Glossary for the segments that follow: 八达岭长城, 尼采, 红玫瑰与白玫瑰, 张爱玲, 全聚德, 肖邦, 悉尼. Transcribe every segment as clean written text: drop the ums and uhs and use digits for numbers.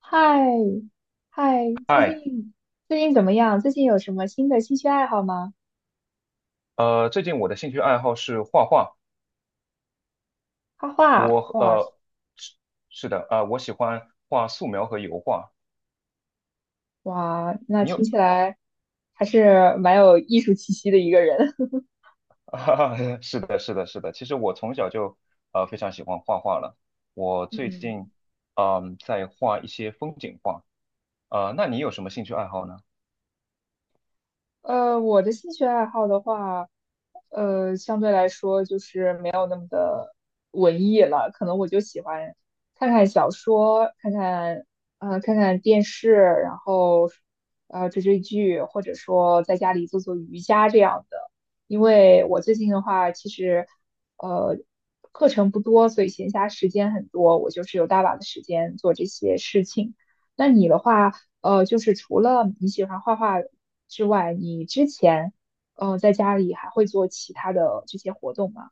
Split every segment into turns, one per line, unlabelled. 嗨，嗨，最
嗨，
近最近怎么样？最近有什么新的兴趣爱好吗？
最近我的兴趣爱好是画画，
画画，
我
哇
呃是是的，我喜欢画素描和油画。
哇，那
你有，
听起来还是蛮有艺术气息的一个人。
哈哈是的，是的，是的。其实我从小就非常喜欢画画了。我最近
嗯，
在画一些风景画，那你有什么兴趣爱好呢？
我的兴趣爱好的话，相对来说就是没有那么的文艺了，可能我就喜欢看看小说，看看电视，然后，追追剧，或者说在家里做做瑜伽这样的。因为我最近的话，其实，呃，课程不多，所以闲暇时间很多，我就是有大把的时间做这些事情。那你的话，就是除了你喜欢画画之外，你之前在家里还会做其他的这些活动吗？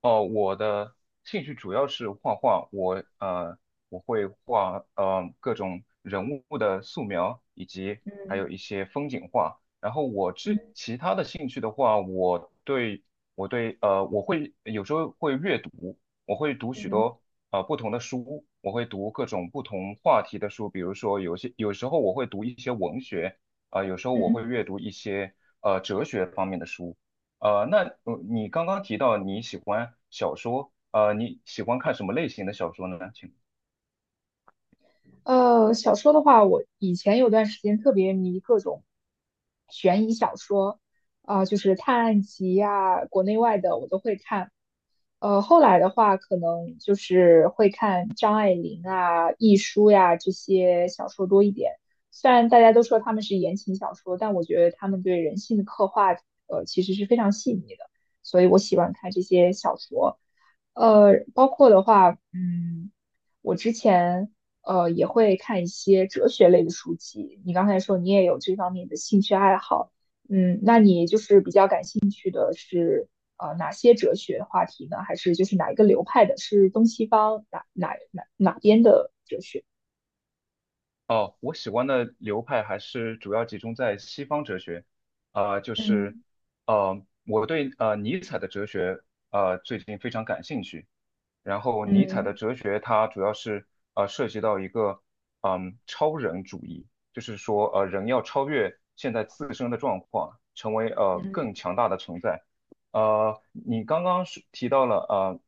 哦，我的兴趣主要是画画，我会画各种人物的素描，以及还
嗯
有一些风景画。然后我
嗯
其他的兴趣的话，我对我会有时候会阅读，我会读许
嗯
多不同的书，我会读各种不同话题的书，比如说有时候我会读一些文学，啊、有时候我会
嗯
阅读一些哲学方面的书。那你刚刚提到你喜欢小说，你喜欢看什么类型的小说呢？请。
小说的话，我以前有段时间特别迷各种悬疑小说，啊、就是探案集呀、国内外的我都会看。后来的话，可能就是会看张爱玲啊、亦舒呀这些小说多一点。虽然大家都说他们是言情小说，但我觉得他们对人性的刻画，其实是非常细腻的，所以我喜欢看这些小说。包括的话，我之前也会看一些哲学类的书籍。你刚才说你也有这方面的兴趣爱好。嗯，那你就是比较感兴趣的是哪些哲学话题呢？还是就是哪一个流派的？是东西方哪边的哲学？
哦，我喜欢的流派还是主要集中在西方哲学，就是
嗯
我对尼采的哲学最近非常感兴趣。然后尼采的
嗯
哲学它主要是涉及到一个超人主义，就是说人要超越。成为
嗯
更强大的存在。你刚刚是提到了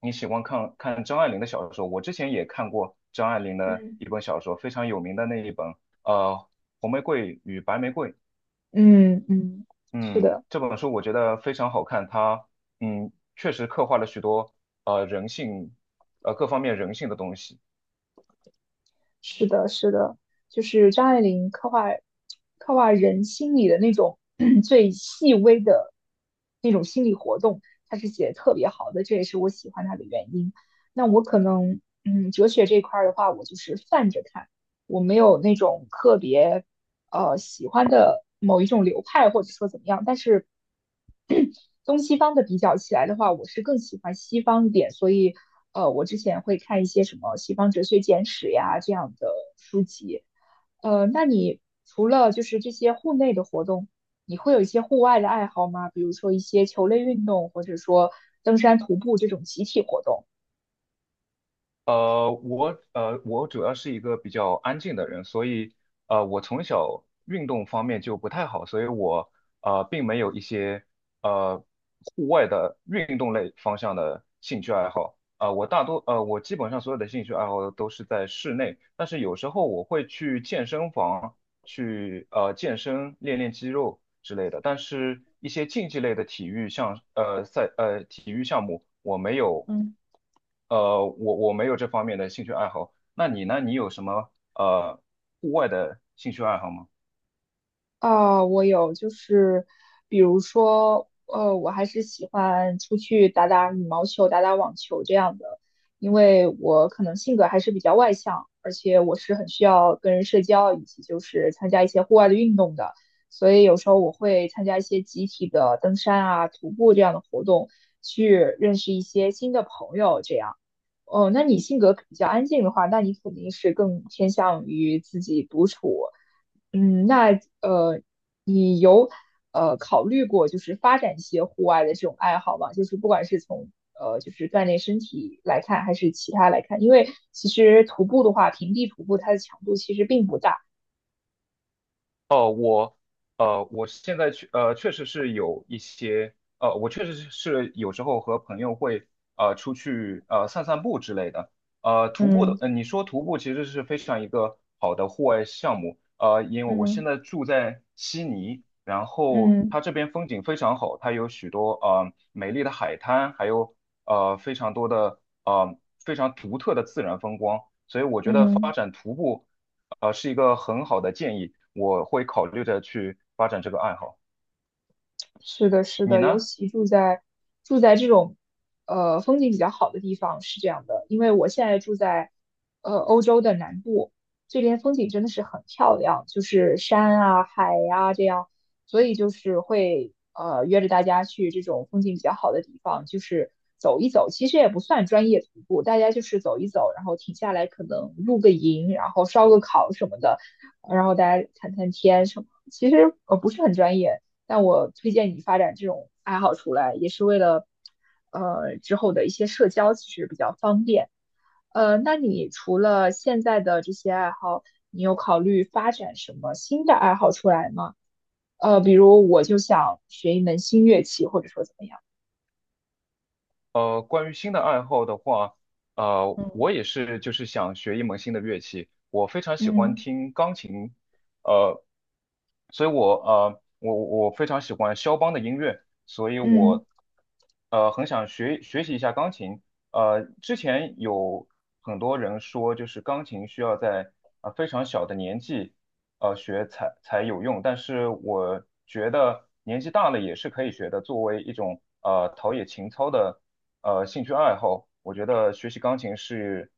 你喜欢看看张爱玲的小说，我之前也看过张爱玲的
嗯，
一本小说，非常有名的那一本呃《红玫瑰与白玫瑰》。
嗯嗯，是
嗯，
的。
这本书我觉得非常好看，它确实刻画了许多人性各方面人性的东西。
是的，是的，就是张爱玲刻画人心里的那种 最细微的那种心理活动，她是写的特别好的，这也是我喜欢她的原因。那我可能，哲学这一块儿的话，我就是泛着看，我没有那种特别喜欢的某一种流派，或者说怎么样，但是，东西方的比较起来的话，我是更喜欢西方一点，所以我之前会看一些什么《西方哲学简史》呀这样的书籍。那你除了就是这些户内的活动，你会有一些户外的爱好吗？比如说一些球类运动，或者说登山、徒步这种集体活动。
我主要是一个比较安静的人，所以我从小运动方面就不太好，所以我并没有一些呃户外的运动类方向的兴趣爱好。我大多呃，我基本上所有的兴趣爱好都是在室内，但是有时候我会去健身房，去健身、练练肌肉之类的。但是，一些竞技类的体育项目，我没有
嗯。
呃我我没有这方面的兴趣爱好。那你呢？你有什么户外的兴趣爱好吗？
啊，我有，就是比如说，我还是喜欢出去打打羽毛球、打打网球这样的，因为我可能性格还是比较外向，而且我是很需要跟人社交，以及就是参加一些户外的运动的，所以有时候我会参加一些集体的登山啊、徒步这样的活动，去认识一些新的朋友，这样。哦，那你性格比较安静的话，那你肯定是更偏向于自己独处。那呃，你有考虑过就是发展一些户外的这种爱好吗？就是不管是从就是锻炼身体来看，还是其他来看，因为其实徒步的话，平地徒步它的强度其实并不大。
哦，我现在确实是有一些我确实是有时候和朋友会出去散散步之类的。徒步的，
嗯
你说徒步其实是非常一个好的户外项目。因为我现
嗯
在住在悉尼，然后
嗯
它这边风景非常好，它有许多美丽的海滩，还有非常多的呃非常独特的自然风光，所以我觉得发
嗯。
展徒步。是一个很好的建议，我会考虑着去发展这个爱好。
是的，是
你
的，尤
呢？
其住在这种风景比较好的地方是这样的，因为我现在住在欧洲的南部，这边风景真的是很漂亮，就是山啊、海呀、这样，所以就是会约着大家去这种风景比较好的地方，就是走一走，其实也不算专业徒步，大家就是走一走，然后停下来可能露个营，然后烧个烤什么的，然后大家谈谈天什么，其实不是很专业。但我推荐你发展这种爱好出来，也是为了，之后的一些社交其实比较方便。那你除了现在的这些爱好，你有考虑发展什么新的爱好出来吗？比如我就想学一门新乐器，或者说怎么样？
关于新的爱好的话，
嗯
我也是就是想学一门新的乐器。我非常喜欢
嗯
听钢琴，呃，所以我非常喜欢肖邦的音乐，所以
嗯，
我很想学习一下钢琴。之前有很多人说，就是钢琴需要在非常小的年纪学才有用，但是我觉得年纪大了也是可以学的，作为一种陶冶情操的。兴趣爱好，我觉得学习钢琴是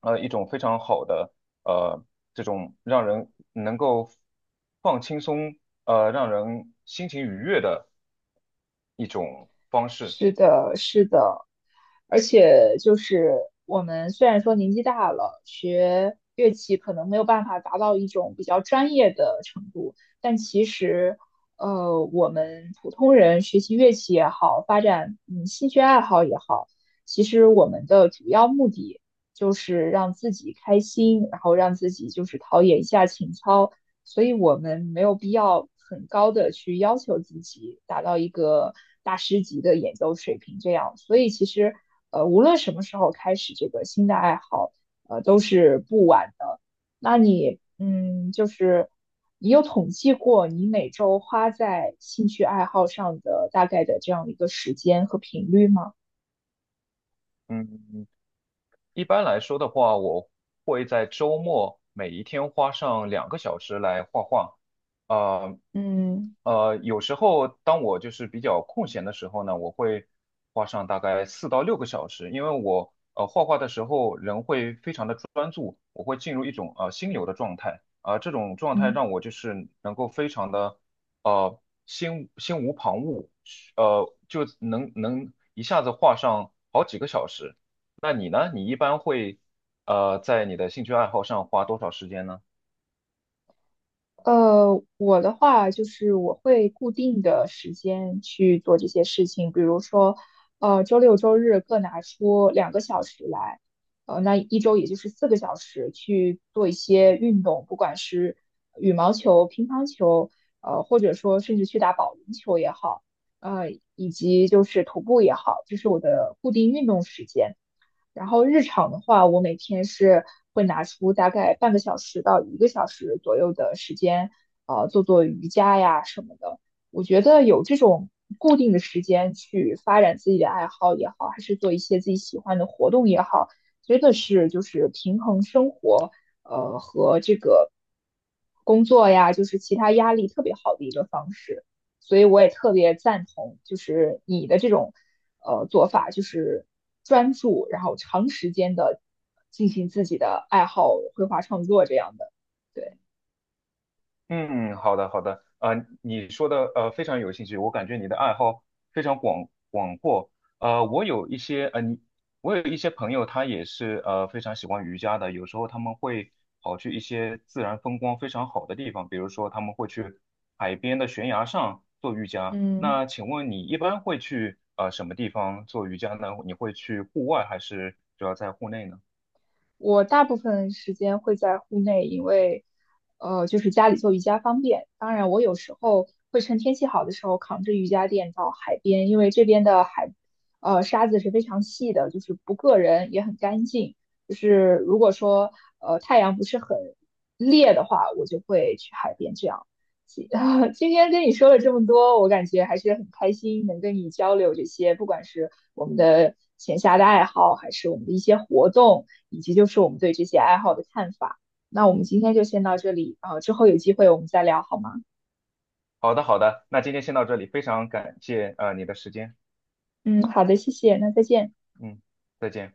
一种非常好的呃这种让人能够放轻松让人心情愉悦的一种方式。
是的，是的，而且就是我们虽然说年纪大了，学乐器可能没有办法达到一种比较专业的程度，但其实，我们普通人学习乐器也好，发展兴趣爱好也好，其实我们的主要目的就是让自己开心，然后让自己就是陶冶一下情操，所以我们没有必要很高的去要求自己达到一个大师级的演奏水平。这样，所以其实无论什么时候开始这个新的爱好，都是不晚的。那你就是你有统计过你每周花在兴趣爱好上的大概的这样一个时间和频率吗？
嗯，嗯嗯一般来说的话，我会在周末每一天花上2个小时来画画。呃
嗯
有时候当我就是比较空闲的时候呢，我会花上大概4到6个小时，因为我画画的时候人会非常的专注，我会进入一种心流的状态，啊、这种状态
嗯。
让我就是能够非常的呃心无旁骛，就能一下子画上好几个小时。那你呢？你一般会在你的兴趣爱好上花多少时间呢？
我的话就是我会固定的时间去做这些事情，比如说，周六周日各拿出2个小时来，那一周也就是4个小时去做一些运动，不管是羽毛球、乒乓球，或者说甚至去打保龄球也好，以及就是徒步也好，这是我的固定运动时间。然后日常的话，我每天是会拿出大概半个小时到一个小时左右的时间，做做瑜伽呀什么的。我觉得有这种固定的时间去发展自己的爱好也好，还是做一些自己喜欢的活动也好，真的是就是平衡生活，和这个工作呀，就是其他压力特别好的一个方式。所以我也特别赞同，就是你的这种做法，就是专注，然后长时间的进行自己的爱好、绘画创作这样的。对，
嗯，好的好的，啊、你说的非常有兴趣，我感觉你的爱好非常广阔。呃，我有一些呃你，我有一些朋友，他也是非常喜欢瑜伽的，有时候他们会跑去一些自然风光非常好的地方，比如说他们会去海边的悬崖上做瑜伽。
嗯。
那请问你一般会去什么地方做瑜伽呢？你会去户外还是主要在户内呢？
我大部分时间会在户内，因为就是家里做瑜伽方便。当然，我有时候会趁天气好的时候扛着瑜伽垫到海边，因为这边的海沙子是非常细的，就是不硌人，也很干净。就是如果说太阳不是很烈的话，我就会去海边这样。今天跟你说了这么多，我感觉还是很开心，能跟你交流这些，不管是我们的闲暇的爱好，还是我们的一些活动，以及就是我们对这些爱好的看法。那我们今天就先到这里啊，之后有机会我们再聊好吗？
好的，好的，那今天先到这里，非常感谢你的时间，
嗯，好的，谢谢，那再见。
嗯，再见。